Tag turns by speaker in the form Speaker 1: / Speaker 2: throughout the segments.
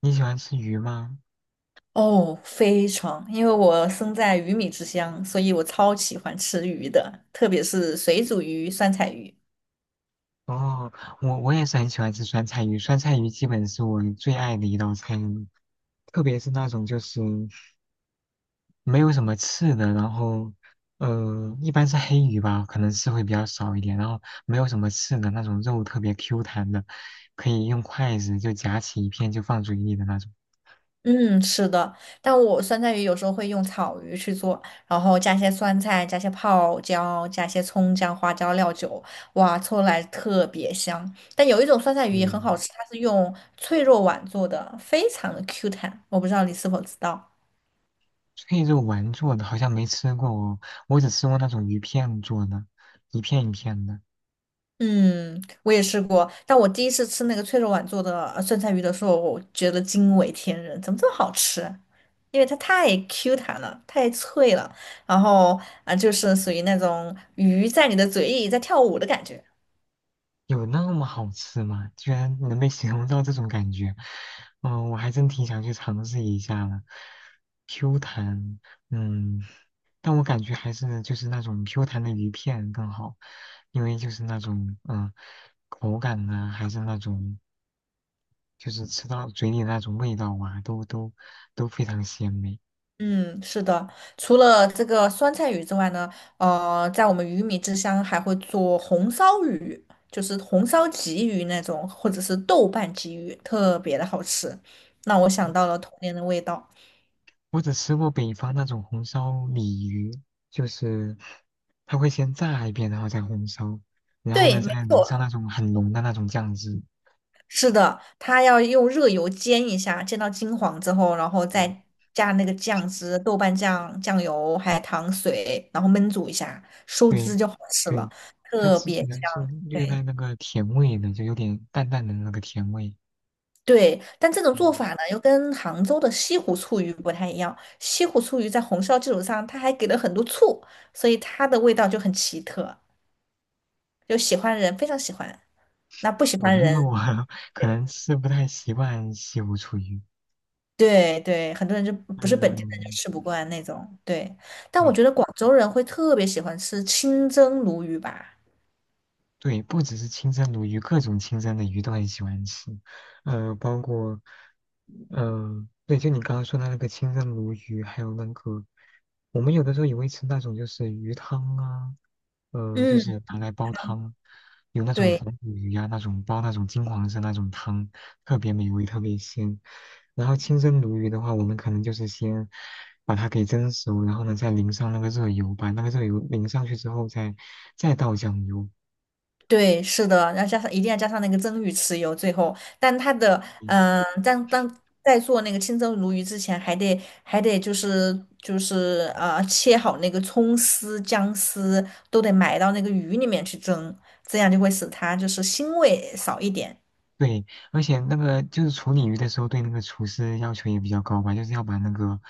Speaker 1: 你喜欢吃鱼吗？
Speaker 2: 哦，非常，因为我生在鱼米之乡，所以我超喜欢吃鱼的，特别是水煮鱼、酸菜鱼。
Speaker 1: 哦，我也是很喜欢吃酸菜鱼，酸菜鱼基本是我最爱的一道菜了，特别是那种就是没有什么刺的，然后一般是黑鱼吧，可能刺会比较少一点，然后没有什么刺的那种肉特别 Q 弹的，可以用筷子就夹起一片就放嘴里的那种。
Speaker 2: 嗯，是的，但我酸菜鱼有时候会用草鱼去做，然后加些酸菜，加些泡椒，加些葱姜花椒料酒，哇，凑出来特别香。但有一种酸菜鱼
Speaker 1: 对，
Speaker 2: 也很好吃，它是用脆肉皖做的，非常的 Q 弹，我不知道你是否知道。
Speaker 1: 脆肉丸做的好像没吃过哦，我只吃过那种鱼片做的，一片一片的。
Speaker 2: 嗯，我也试过，但我第一次吃那个脆肉碗做的酸菜鱼的时候，我觉得惊为天人，怎么这么好吃？因为它太 Q 弹了，太脆了，然后就是属于那种鱼在你的嘴里在跳舞的感觉。
Speaker 1: 有那么好吃吗？居然能被形容到这种感觉，嗯，我还真挺想去尝试一下的。Q 弹，嗯，但我感觉还是就是那种 Q 弹的鱼片更好，因为就是那种嗯口感呢、还是那种就是吃到嘴里那种味道啊，都都非常鲜美。
Speaker 2: 嗯，是的，除了这个酸菜鱼之外呢，在我们鱼米之乡还会做红烧鱼，就是红烧鲫鱼那种，或者是豆瓣鲫鱼，特别的好吃，让我想到了童年的味道。
Speaker 1: 我只吃过北方那种红烧鲤鱼，就是它会先炸一遍，然后再红烧，然后呢
Speaker 2: 对，没
Speaker 1: 再淋上
Speaker 2: 错。
Speaker 1: 那种很浓的那种酱汁。
Speaker 2: 是的，它要用热油煎一下，煎到金黄之后，然后
Speaker 1: 对，
Speaker 2: 再加那个酱汁、豆瓣酱、酱油、还有糖水，然后焖煮一下，收
Speaker 1: 对，
Speaker 2: 汁就好吃了，
Speaker 1: 对，它
Speaker 2: 特
Speaker 1: 吃
Speaker 2: 别
Speaker 1: 起来是
Speaker 2: 香。
Speaker 1: 略带
Speaker 2: 对
Speaker 1: 那个甜味的，就有点淡淡的那个甜味。
Speaker 2: 对，但这种做
Speaker 1: 嗯，
Speaker 2: 法呢，又跟杭州的西湖醋鱼不太一样。西湖醋鱼在红烧基础上，它还给了很多醋，所以它的味道就很奇特，有喜欢的人非常喜欢，那不喜
Speaker 1: 我
Speaker 2: 欢的
Speaker 1: 觉得
Speaker 2: 人。
Speaker 1: 我 可
Speaker 2: 对
Speaker 1: 能吃不太习惯西湖醋鱼。
Speaker 2: 对对，很多人就不是本地人就
Speaker 1: 嗯，
Speaker 2: 吃不惯那种。对，但我
Speaker 1: 对
Speaker 2: 觉得广州人会特别喜欢吃清蒸鲈鱼吧。
Speaker 1: 对，不只是清蒸鲈鱼，各种清蒸的鱼都很喜欢吃，包括，对，就你刚刚说的那个清蒸鲈鱼，还有那个，我们有的时候也会吃那种就是鱼汤啊，就是
Speaker 2: 嗯，
Speaker 1: 拿来煲汤，有那种
Speaker 2: 对
Speaker 1: 红鲤鱼呀、那种煲那种金黄色那种汤，特别美味，特别鲜。然后清蒸鲈鱼的话，我们可能就是先把它给蒸熟，然后呢再淋上那个热油，把那个热油淋上去之后再倒酱油。
Speaker 2: 对，是的，要加上一定要加上那个蒸鱼豉油，最后，但它的
Speaker 1: 嗯
Speaker 2: 嗯、呃，当当在做那个清蒸鲈鱼之前，还得就是切好那个葱丝、姜丝都得埋到那个鱼里面去蒸，这样就会使它就是腥味少一点，
Speaker 1: 对，而且那个就是处理鱼的时候，对那个厨师要求也比较高吧，就是要把那个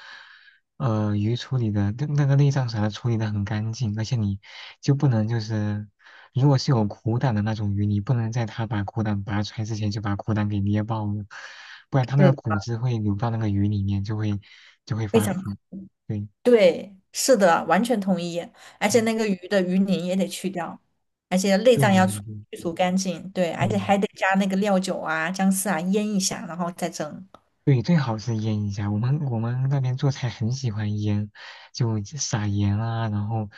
Speaker 1: 鱼处理的那个内脏啥的处理的很干净，而且你就不能就是如果是有苦胆的那种鱼，你不能在它把苦胆拔出来之前就把苦胆给捏爆了，不然它那个
Speaker 2: 嗯，
Speaker 1: 骨汁会流到那个鱼里面，就会
Speaker 2: 非
Speaker 1: 发
Speaker 2: 常。
Speaker 1: 腐。对，
Speaker 2: 对，是的，完全同意。而且
Speaker 1: 嗯，
Speaker 2: 那个鱼的鱼鳞也得去掉，而且内
Speaker 1: 对
Speaker 2: 脏
Speaker 1: 的，
Speaker 2: 要去
Speaker 1: 对
Speaker 2: 除干净。对，而且
Speaker 1: 嗯。
Speaker 2: 还得加那个料酒啊、姜丝啊腌一下，然后再蒸。
Speaker 1: 对，最好是腌一下。我们那边做菜很喜欢腌，就撒盐啊，然后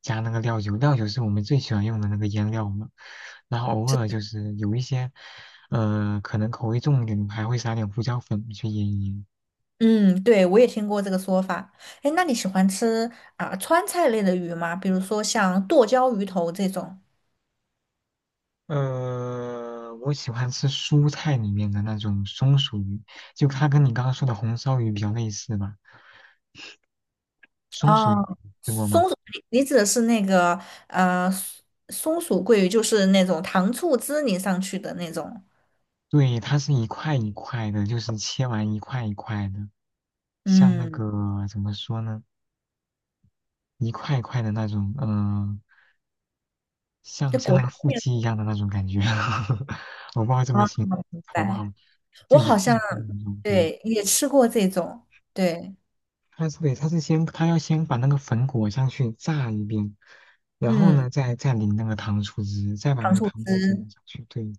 Speaker 1: 加那个料酒，料酒是我们最喜欢用的那个腌料嘛。然后偶尔就是有一些，可能口味重一点，还会撒点胡椒粉去腌一腌。
Speaker 2: 嗯，对，我也听过这个说法。哎，那你喜欢吃川菜类的鱼吗？比如说像剁椒鱼头这种。
Speaker 1: 我喜欢吃蔬菜里面的那种松鼠鱼，就它跟你刚刚说的红烧鱼比较类似吧。松鼠鱼
Speaker 2: 哦，
Speaker 1: 吃过吗？
Speaker 2: 松鼠，你指的是那个呃松松鼠桂鱼，就是那种糖醋汁淋上去的那种。
Speaker 1: 对，它是一块一块的，就是切完一块一块的，像那
Speaker 2: 嗯，
Speaker 1: 个怎么说呢，一块一块的那种，嗯、像
Speaker 2: 就
Speaker 1: 像
Speaker 2: 裹
Speaker 1: 那
Speaker 2: 上
Speaker 1: 个腹
Speaker 2: 面
Speaker 1: 肌一样的那种感觉，我不知道这么
Speaker 2: 啊，
Speaker 1: 形容
Speaker 2: 明
Speaker 1: 好不好，
Speaker 2: 白。我
Speaker 1: 就一
Speaker 2: 好
Speaker 1: 块一
Speaker 2: 像
Speaker 1: 块的那种。对，
Speaker 2: 对也吃过这种，对，
Speaker 1: 它是对，它是先它要先把那个粉裹上去炸一遍，然后
Speaker 2: 嗯，
Speaker 1: 呢再淋那个糖醋汁，再把那
Speaker 2: 糖
Speaker 1: 个
Speaker 2: 醋
Speaker 1: 糖醋汁
Speaker 2: 汁，
Speaker 1: 淋上去。对，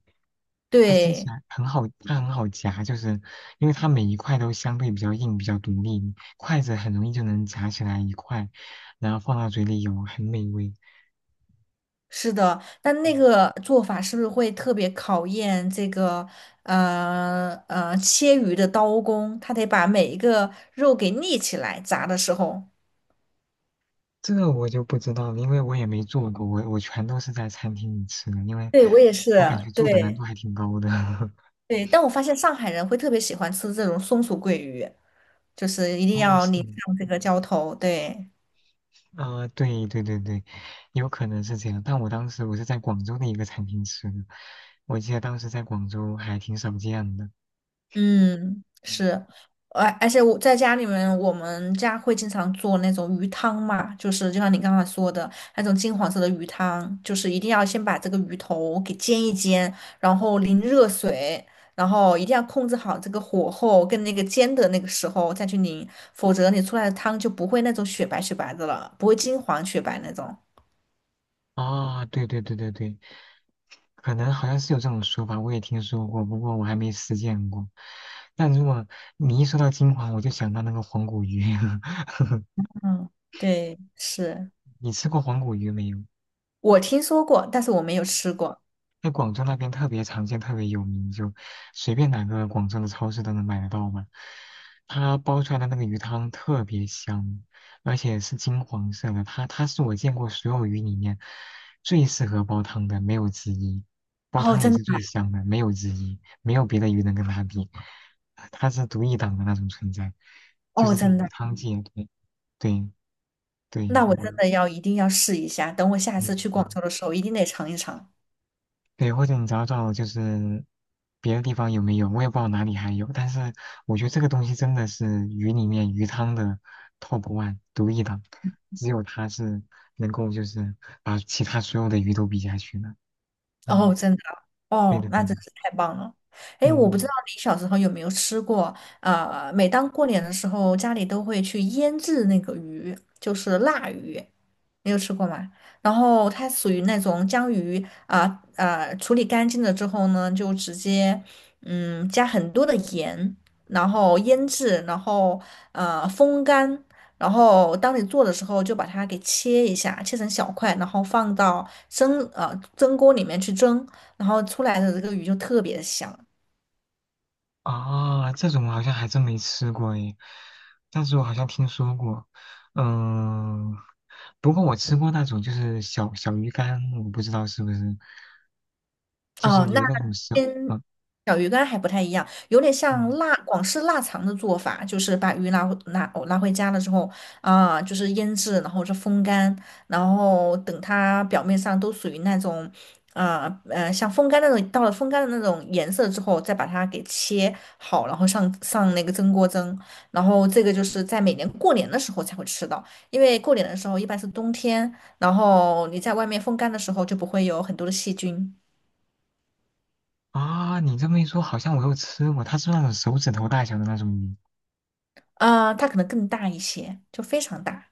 Speaker 1: 它吃起
Speaker 2: 对，
Speaker 1: 来很好，它很好夹，就是因为它每一块都相对比较硬，比较独立，筷子很容易就能夹起来一块，然后放到嘴里有很美味。
Speaker 2: 是的。但那
Speaker 1: 嗯
Speaker 2: 个做法是不是会特别考验这个切鱼的刀工？他得把每一个肉给立起来，炸的时候。
Speaker 1: 这个我就不知道了，因为我也没做过，我全都是在餐厅里吃的，因为
Speaker 2: 对，我也是，
Speaker 1: 我感觉做的难度
Speaker 2: 对
Speaker 1: 还挺高的。
Speaker 2: 对。但我发现上海人会特别喜欢吃这种松鼠桂鱼，就是一定
Speaker 1: 哦，
Speaker 2: 要
Speaker 1: 是
Speaker 2: 淋
Speaker 1: 吗？
Speaker 2: 上这个浇头，对。
Speaker 1: 啊、对对对对，有可能是这样。但我当时我是在广州的一个餐厅吃的，我记得当时在广州还挺少见的。
Speaker 2: 嗯，是，而且我在家里面，我们家会经常做那种鱼汤嘛，就是就像你刚才说的那种金黄色的鱼汤，就是一定要先把这个鱼头给煎一煎，然后淋热水，然后一定要控制好这个火候跟那个煎的那个时候再去淋，否则你出来的汤就不会那种雪白雪白的了，不会金黄雪白那种。
Speaker 1: 啊，对对对对对，可能好像是有这种说法，我也听说过，不过我还没实践过。但如果你一说到金黄，我就想到那个黄骨鱼，
Speaker 2: 嗯，对，是
Speaker 1: 你吃过黄骨鱼没有？
Speaker 2: 我听说过，但是我没有吃过。
Speaker 1: 在广州那边特别常见，特别有名，就随便哪个广州的超市都能买得到嘛。它煲出来的那个鱼汤特别香，而且是金黄色的，它是我见过所有鱼里面最适合煲汤的，没有之一。煲
Speaker 2: 哦，
Speaker 1: 汤也
Speaker 2: 真的
Speaker 1: 是最香的，没有之一，没有别的鱼能跟它比，它是独一档的那种存在，
Speaker 2: 啊
Speaker 1: 就
Speaker 2: 哦，
Speaker 1: 是在
Speaker 2: 真的
Speaker 1: 鱼
Speaker 2: 啊。
Speaker 1: 汤界，对对对，
Speaker 2: 那我真的要一定要试一下，等我下
Speaker 1: 你
Speaker 2: 次去
Speaker 1: 对
Speaker 2: 广州的时候，一定得尝一尝。
Speaker 1: 对，或者你找找就是别的地方有没有，我也不知道哪里还有，但是我觉得这个东西真的是鱼里面鱼汤的 top one 独一档，只有它是能够就是把其他所有的鱼都比下去的。
Speaker 2: 哦，
Speaker 1: 嗯，
Speaker 2: 真的，
Speaker 1: 对
Speaker 2: 哦，
Speaker 1: 的
Speaker 2: 那
Speaker 1: 对
Speaker 2: 真
Speaker 1: 的，
Speaker 2: 是太棒了。哎，我不知道
Speaker 1: 嗯
Speaker 2: 你小时候有没有吃过，每当过年的时候，家里都会去腌制那个鱼，就是腊鱼，你有吃过吗？然后它属于那种将鱼,处理干净了之后呢，就直接加很多的盐，然后腌制，然后风干。然后当你做的时候，就把它给切一下，切成小块，然后放到蒸锅里面去蒸，然后出来的这个鱼就特别香。
Speaker 1: 啊，这种我好像还真没吃过诶，但是我好像听说过，嗯，不过我吃过那种就是小小鱼干，我不知道是不是，就
Speaker 2: 哦，
Speaker 1: 是有
Speaker 2: 那
Speaker 1: 那种生。
Speaker 2: 跟
Speaker 1: 啊。
Speaker 2: 小鱼干还不太一样，有点像
Speaker 1: 嗯
Speaker 2: 腊广式腊肠的做法，就是把鱼拿回拉拉回家了之后就是腌制，然后是风干，然后等它表面上都属于那种，啊像风干那种，到了风干的那种颜色之后，再把它给切好，然后上那个蒸锅蒸，然后这个就是在每年过年的时候才会吃到，因为过年的时候一般是冬天，然后你在外面风干的时候就不会有很多的细菌。
Speaker 1: 啊，你这么一说，好像我又吃过，它是那种手指头大小的那种鱼
Speaker 2: 啊，它可能更大一些，就非常大，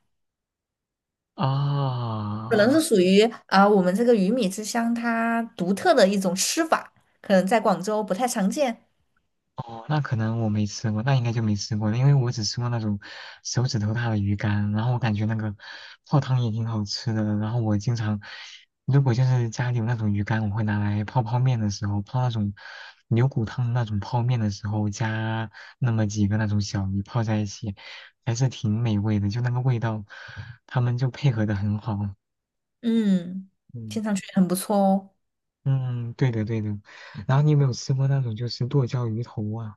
Speaker 2: 可能
Speaker 1: 啊。
Speaker 2: 是属于我们这个鱼米之乡它独特的一种吃法，可能在广州不太常见。
Speaker 1: 哦，那可能我没吃过，那应该就没吃过了因为我只吃过那种手指头大的鱼干，然后我感觉那个泡汤也挺好吃的，然后我经常，如果就是家里有那种鱼干，我会拿来泡泡面的时候，泡那种牛骨汤的那种泡面的时候，加那么几个那种小鱼泡在一起，还是挺美味的，就那个味道，他们就配合的很好，
Speaker 2: 嗯，
Speaker 1: 嗯。
Speaker 2: 听上去很不错哦，
Speaker 1: 嗯，对的对的。然后你有没有吃过那种就是剁椒鱼头啊？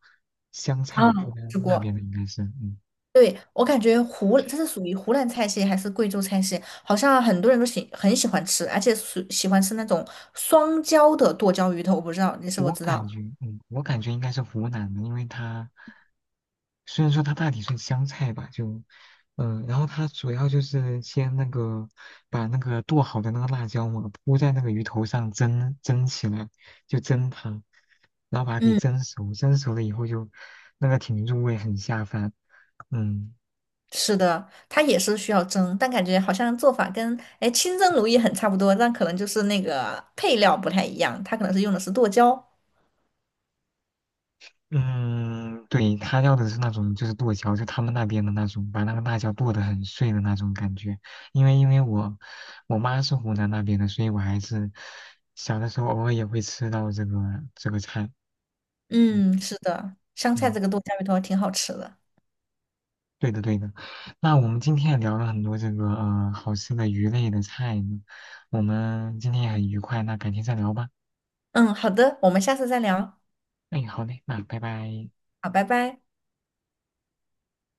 Speaker 1: 湘菜
Speaker 2: 啊，
Speaker 1: 湖南
Speaker 2: 吃
Speaker 1: 那边
Speaker 2: 过。
Speaker 1: 的应该是，嗯，
Speaker 2: 对，我感觉湖这是属于湖南菜系还是贵州菜系，好像很多人都很喜欢吃，而且喜欢吃那种双椒的剁椒鱼头，我不知道你是否
Speaker 1: 我
Speaker 2: 知
Speaker 1: 感
Speaker 2: 道？
Speaker 1: 觉，嗯，我感觉应该是湖南的，因为它虽然说它大体是湘菜吧，就，嗯、然后它主要就是先那个把那个剁好的那个辣椒嘛铺在那个鱼头上蒸蒸起来，就蒸它，然后把它给
Speaker 2: 嗯。
Speaker 1: 蒸熟，蒸熟了以后就那个挺入味，很下饭，嗯。
Speaker 2: 是的，它也是需要蒸，但感觉好像做法跟哎清蒸鲈鱼很差不多，但可能就是那个配料不太一样，它可能是用的是剁椒。
Speaker 1: 嗯，对，他要的是那种就是剁椒，就他们那边的那种，把那个辣椒剁得很碎的那种感觉。因为我妈是湖南那边的，所以我还是小的时候偶尔也会吃到这个菜。嗯
Speaker 2: 嗯，是的，香菜
Speaker 1: 嗯，
Speaker 2: 这个剁椒鱼头挺好吃的。
Speaker 1: 对的对的。那我们今天也聊了很多这个好吃的鱼类的菜呢我们今天也很愉快，那改天再聊吧。
Speaker 2: 嗯，好的，我们下次再聊。
Speaker 1: 哎，好嘞，那拜拜。
Speaker 2: 好，拜拜。